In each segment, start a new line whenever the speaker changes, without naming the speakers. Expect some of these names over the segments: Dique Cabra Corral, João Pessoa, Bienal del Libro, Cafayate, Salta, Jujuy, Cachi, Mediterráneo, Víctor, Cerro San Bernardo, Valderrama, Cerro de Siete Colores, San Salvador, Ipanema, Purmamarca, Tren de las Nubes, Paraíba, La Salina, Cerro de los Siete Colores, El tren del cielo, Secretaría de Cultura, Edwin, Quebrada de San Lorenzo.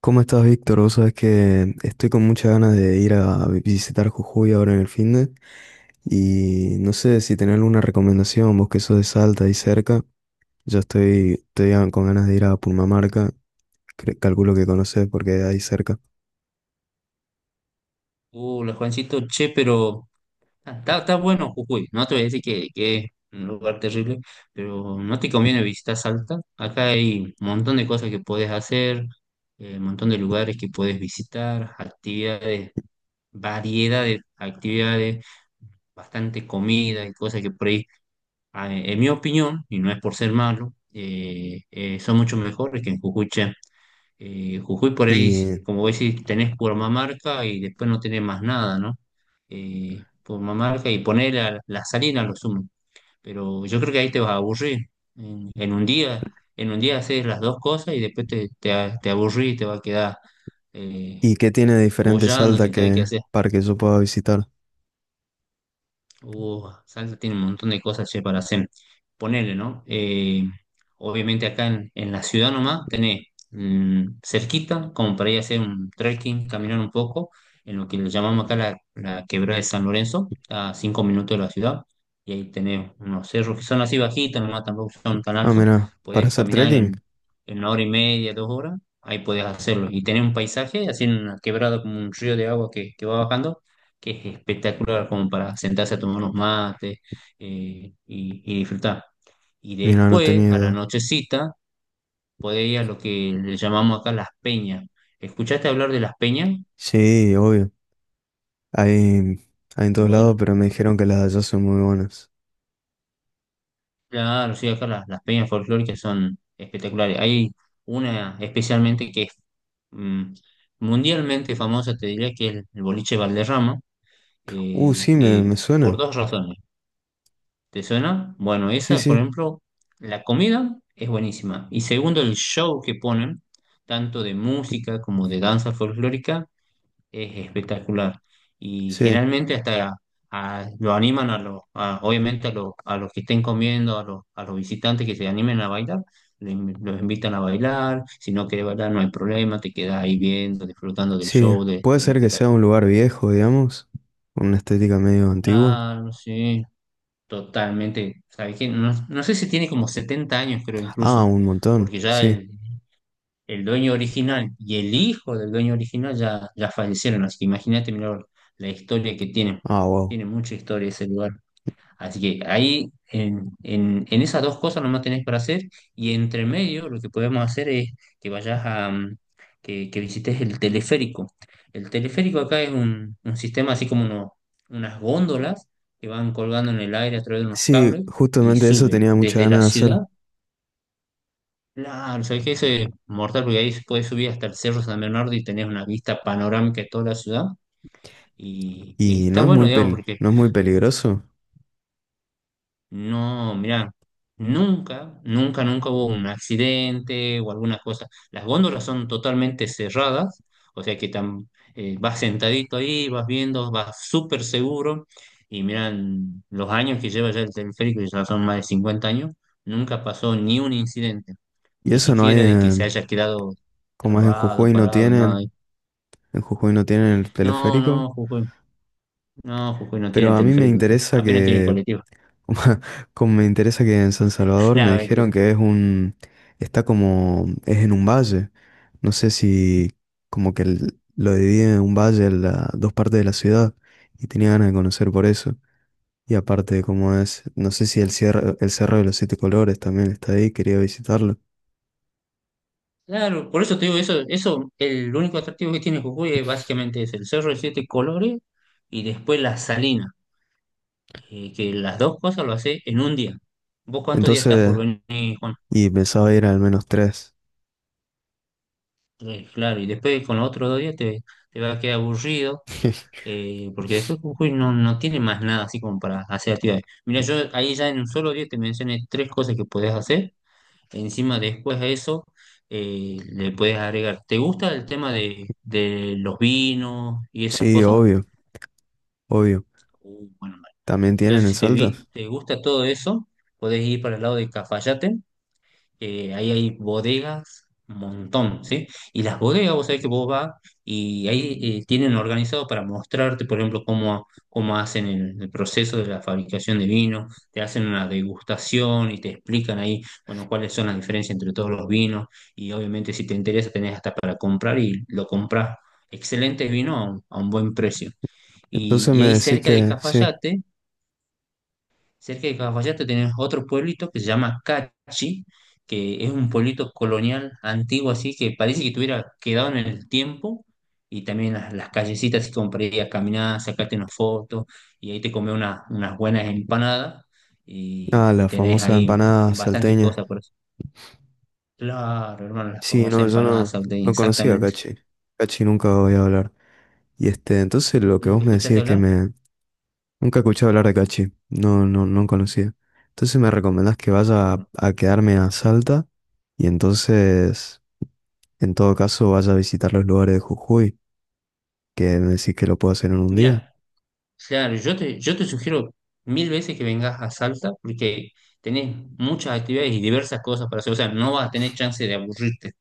¿Cómo estás, Víctor? Vos sabés que estoy con muchas ganas de ir a visitar Jujuy ahora en el fin de y no sé si tenés alguna recomendación, vos que sos de Salta y cerca. Yo estoy con ganas de ir a Purmamarca, calculo que conocés porque ahí cerca.
La Juancito, che, pero está bueno Jujuy. No te voy a decir que es un lugar terrible, pero no te conviene visitar Salta. Acá hay un montón de cosas que puedes hacer, un montón de lugares que puedes visitar, actividades, variedad de actividades, bastante comida y cosas que por ahí, en mi opinión, y no es por ser malo, son mucho mejores que en Jujuy. Che. Jujuy por ahí,
¿Y,
como vos decís, tenés Purmamarca y después no tenés más nada, ¿no? Purmamarca y poner la salina a lo sumo. Pero yo creo que ahí te vas a aburrir. En, en un día, en un día haces las dos cosas y después te aburrís y te va a quedar eh,
y qué tiene de diferente
boyando
Salta
sin saber qué
que
hacer.
para que yo pueda visitar?
Salta tiene un montón de cosas, che, para hacer. Ponele, ¿no? Obviamente acá en la ciudad nomás tenés cerquita, como para ir a hacer un trekking, caminar un poco, en lo que le llamamos acá la Quebrada de San Lorenzo, a 5 minutos de la ciudad, y ahí tenés unos cerros que son así bajitos, nomás tampoco son tan
Ah,
altos,
mira, ¿para
podés
hacer
caminar
trekking?
en una hora y media, 2 horas, ahí podés hacerlo, y tenés un paisaje, así en una quebrada como un río de agua que va bajando, que es espectacular como para sentarse a tomar unos mates y disfrutar. Y
Mira, no
después,
tenía
a la
idea.
nochecita, podés ir a lo que le llamamos acá las peñas. ¿Escuchaste hablar de las peñas?
Sí, obvio. Hay, hay en todos lados,
Bueno,
pero me dijeron que las de allá son muy buenas.
claro, sí, acá las peñas folclóricas son espectaculares. Hay una especialmente que es mm, mundialmente famosa, te diría, que es el boliche Valderrama,
Sí, me,
que
me
por
suena.
dos razones. ¿Te suena? Bueno,
Sí,
esa, por
sí,
ejemplo, la comida es buenísima. Y segundo, el show que ponen, tanto de música como de danza folclórica, es espectacular. Y
sí,
generalmente hasta lo animan a obviamente a los que estén comiendo, a los visitantes que se animen a bailar, los invitan a bailar. Si no querés bailar, no hay problema, te quedas ahí viendo, disfrutando del
sí.
show,
Puede
del
ser que sea un
espectáculo.
lugar viejo, digamos, con una estética medio antigua.
Claro, sí. Totalmente, ¿sabes qué? No, no sé si tiene como 70 años, creo
Ah,
incluso,
un montón,
porque ya
sí.
el dueño original y el hijo del dueño original ya fallecieron, así que imagínate, mirá, la historia que tiene,
Ah, wow.
tiene mucha historia ese lugar. Así que ahí en esas dos cosas nomás tenés para hacer, y entre medio lo que podemos hacer es que vayas a que visites el teleférico. El teleférico acá es un sistema así como unas góndolas que van colgando en el aire a través de unos
Sí,
cables y
justamente eso
suben
tenía muchas
desde
ganas
la
de
ciudad.
hacer.
Claro, sabés que eso es mortal porque ahí se puede subir hasta el Cerro San Bernardo y tenés una vista panorámica de toda la ciudad. Y
Y
está bueno, digamos, porque,
no es muy peligroso.
no, mira, nunca, nunca, nunca hubo un accidente o alguna cosa. Las góndolas son totalmente cerradas, o sea que vas sentadito ahí, vas viendo, vas súper seguro. Y miran, los años que lleva ya el teleférico, ya son más de 50 años, nunca pasó ni un incidente,
Y
ni
eso no hay
siquiera de que se
en,
haya quedado
como es en
trabado,
Jujuy no
parado, nada.
tienen, en Jujuy no tienen el
No,
teleférico.
no, Jujuy, no, Jujuy no
Pero
tiene
a mí me
teleférico, sí,
interesa
apenas tiene
que
colectivo.
como me interesa que en San Salvador me
No,
dijeron
mentira.
que es un, está como, es en un valle. No sé si como que lo divide en un valle en dos partes de la ciudad y tenía ganas de conocer por eso. Y aparte como es, no sé si el cierre, el Cerro de los Siete Colores también está ahí, quería visitarlo.
Claro, por eso te digo, el único atractivo que tiene Jujuy es básicamente es el Cerro de Siete Colores y después la Salina, que las dos cosas lo hace en un día. ¿Vos cuántos días estás por
Entonces,
venir, Juan?
y pensaba ir al menos tres.
Tres, claro, y después con los otros 2 días te va a quedar aburrido, porque después Jujuy no tiene más nada así como para hacer actividades. Mira, yo ahí ya en un solo día te mencioné tres cosas que podés hacer. Encima, después de eso, le puedes agregar. ¿Te gusta el tema de los vinos y esas
Sí,
cosas?
obvio, obvio.
Bueno, vale.
¿También tienen
Entonces,
en
si
Salta?
te gusta todo eso, podés ir para el lado de Cafayate. Ahí hay bodegas, un montón, ¿sí? Y las bodegas, vos sabés que vos vas y ahí tienen organizado para mostrarte, por ejemplo, cómo hacen el proceso de la fabricación de vino, te hacen una degustación y te explican ahí, bueno, cuáles son las diferencias entre todos los vinos, y obviamente si te interesa tenés hasta para comprar y lo compras. Excelente vino a un buen precio.
Entonces
Y
me
ahí
decís
cerca de
que sí.
Cafayate Cerca de Cafayate tenés otro pueblito que se llama Cachi, que es un pueblito colonial antiguo, así que parece que tuviera quedado en el tiempo. Y también las callecitas, así como para ir a caminar, sacarte unas fotos, y ahí te comes unas buenas empanadas. Y,
Ah,
y
la
tenés
famosa
ahí
empanada
bastantes
salteña.
cosas por eso. Claro, hermano, las
Sí,
famosas
no, yo
empanadas
no,
salteñas,
no conocía a
exactamente.
Cachi. Cachi nunca voy a hablar. Y este, entonces lo que vos
¿Nunca
me decís
escuchaste
es que
hablar?
me... Nunca escuché hablar de Cachi. No, no, no conocía. Entonces me recomendás que vaya
Bueno,
a quedarme a Salta y entonces, en todo caso, vaya a visitar los lugares de Jujuy, que me decís que lo puedo hacer en un día.
mira. Claro, yo te sugiero mil veces que vengas a Salta porque tenés muchas actividades y diversas cosas para hacer. O sea, no vas a tener chance de aburrirte.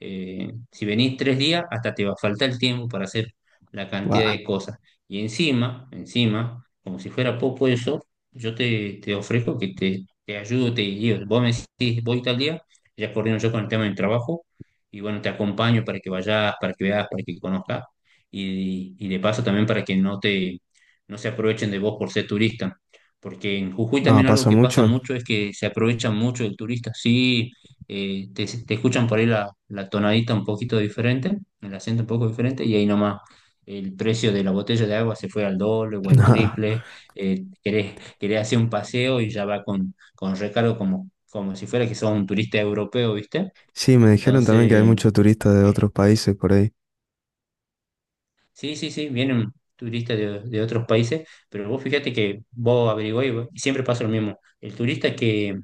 Si venís 3 días, hasta te va a faltar el tiempo para hacer la cantidad
Buah.
de cosas. Y encima, encima, como si fuera poco eso, yo te ofrezco que te ayudo, te guío. Vos me decís, voy tal día, ya coordino yo con el tema del trabajo, y bueno, te acompaño para que vayas, para que veas, para que conozcas, y de paso también para que no se aprovechen de vos por ser turista. Porque en Jujuy
Ah,
también algo
¿pasa
que pasa
mucho?
mucho es que se aprovechan mucho del turista. Sí, te escuchan por ahí la tonadita un poquito diferente, el acento un poco diferente, y ahí nomás el precio de la botella de agua se fue al doble o al
Nah.
triple. Querés hacer un paseo y ya va con recargo como si fuera que sos un turista europeo, ¿viste?
Sí, me dijeron también que hay
Entonces,
muchos turistas de
eh,
otros países por ahí.
Sí, sí, sí, vienen turistas de otros países, pero vos fíjate que vos averiguás y siempre pasa lo mismo. El turista que,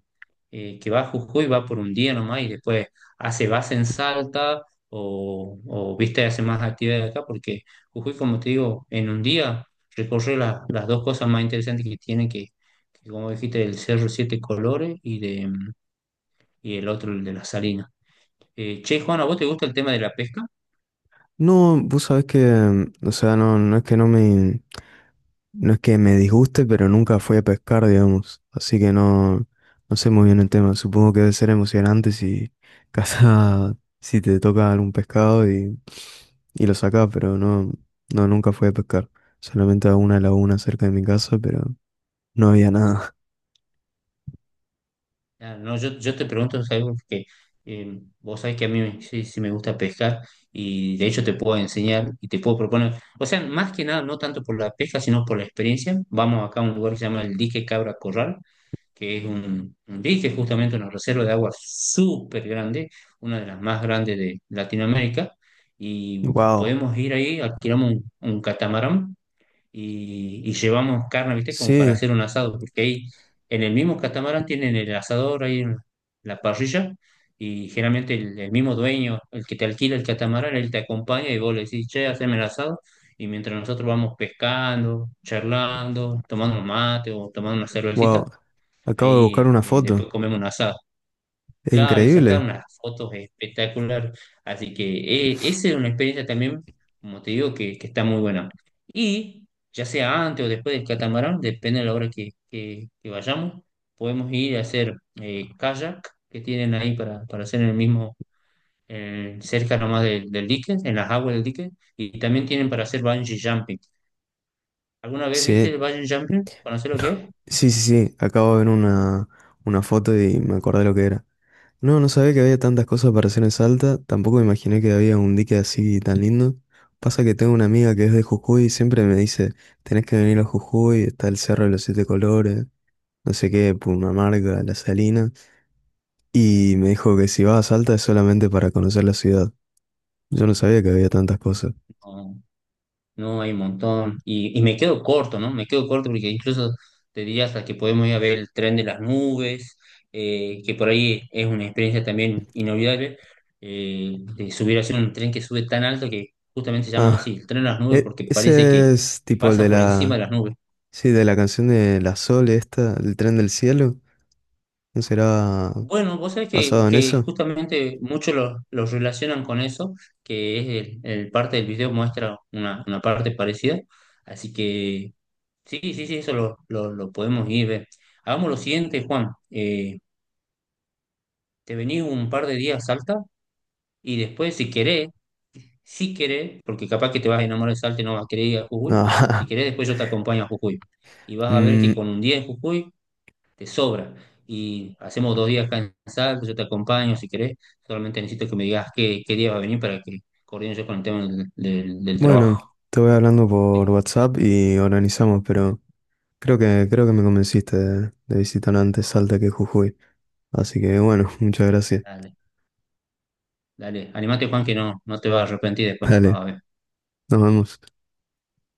eh, que va a Jujuy va por un día nomás y después hace base en Salta viste, hace más actividades acá, porque Jujuy, como te digo, en un día recorre las dos cosas más interesantes que tiene, que como dijiste, el Cerro Siete Colores y el otro, el de la Salina. Che, Juana, ¿a vos te gusta el tema de la pesca?
No, vos sabés que, o sea, no, no es que no me, no es que me disguste, pero nunca fui a pescar, digamos. Así que no, no sé muy bien el tema. Supongo que debe ser emocionante si casa, si te toca algún pescado y lo sacás, pero no, no, nunca fui a pescar. Solamente a una laguna cerca de mi casa, pero no había nada.
No, yo te pregunto, es algo que vos sabés que sí, sí me gusta pescar, y de hecho te puedo enseñar y te puedo proponer, o sea, más que nada, no tanto por la pesca, sino por la experiencia. Vamos acá a un lugar que se llama el dique Cabra Corral, que es un dique, justamente una reserva de agua súper grande, una de las más grandes de Latinoamérica, y
Wow.
podemos ir ahí, alquilamos un catamarán y llevamos carne, ¿viste? Como para
Sí,
hacer un asado, porque ahí en el mismo catamarán tienen el asador ahí en la parrilla, y generalmente el mismo dueño, el que te alquila el catamarán, él te acompaña y vos le decís, che, haceme el asado, y mientras nosotros vamos pescando, charlando, tomando un mate o tomando una cervecita,
wow. Acabo de buscar
ahí
una foto.
después comemos un asado.
Es
Claro, y sacar
increíble.
unas fotos espectacular. Así que esa es una experiencia también, como te digo, que está muy buena. Y ya sea antes o después del catamarán, depende de la hora que vayamos, podemos ir a hacer kayak, que tienen ahí para hacer en el mismo, cerca nomás del dique, en las aguas del dique. Y también tienen para hacer bungee jumping. ¿Alguna vez viste
Sí,
el bungee jumping? ¿Conoces lo que es?
sí, sí, sí. Acabo de ver una foto y me acordé lo que era. No, no sabía que había tantas cosas para hacer en Salta. Tampoco me imaginé que había un dique así tan lindo. Pasa que tengo una amiga que es de Jujuy y siempre me dice, tenés que venir a Jujuy, está el Cerro de los Siete Colores, no sé qué, Pumamarca, La Salina. Y me dijo que si vas a Salta es solamente para conocer la ciudad. Yo no sabía que había tantas cosas.
No. No, hay un montón. Y me quedo corto, ¿no? Me quedo corto porque incluso te diría hasta que podemos ir a ver el tren de las nubes, que por ahí es una experiencia también inolvidable, de subir hacer un tren que sube tan alto que justamente se llama así,
Ah,
el tren de las nubes, porque parece que,
ese es
que
tipo el
pasa
de
por encima de
la...
las nubes.
Sí, de la canción de La Sol, esta, El tren del cielo. ¿No será
Bueno, vos sabés que,
basado en
que
eso?
justamente muchos los relacionan con eso, que es el parte del video muestra una parte parecida. Así que sí, sí, sí, eso lo podemos ir ver. Hagamos lo siguiente, Juan. Te venís un par de días a Salta y después, si querés, porque capaz que te vas a enamorar de Salta y no vas a querer ir a Jujuy, si
Ah,
querés, después yo te acompaño a Jujuy. Y vas a ver que con
mm,
un día en Jujuy te sobra. Y hacemos 2 días acá en Salta, yo te acompaño si querés. Solamente necesito que me digas qué día va a venir para que coordine yo con el tema del trabajo.
bueno, te voy hablando por
Eh,
WhatsApp y organizamos, pero creo que me convenciste de visitar antes Salta que Jujuy. Así que bueno, muchas gracias.
Dale, dale. Animate, Juan, que no te vas a arrepentir después.
Dale,
Vas a ver.
nos vemos.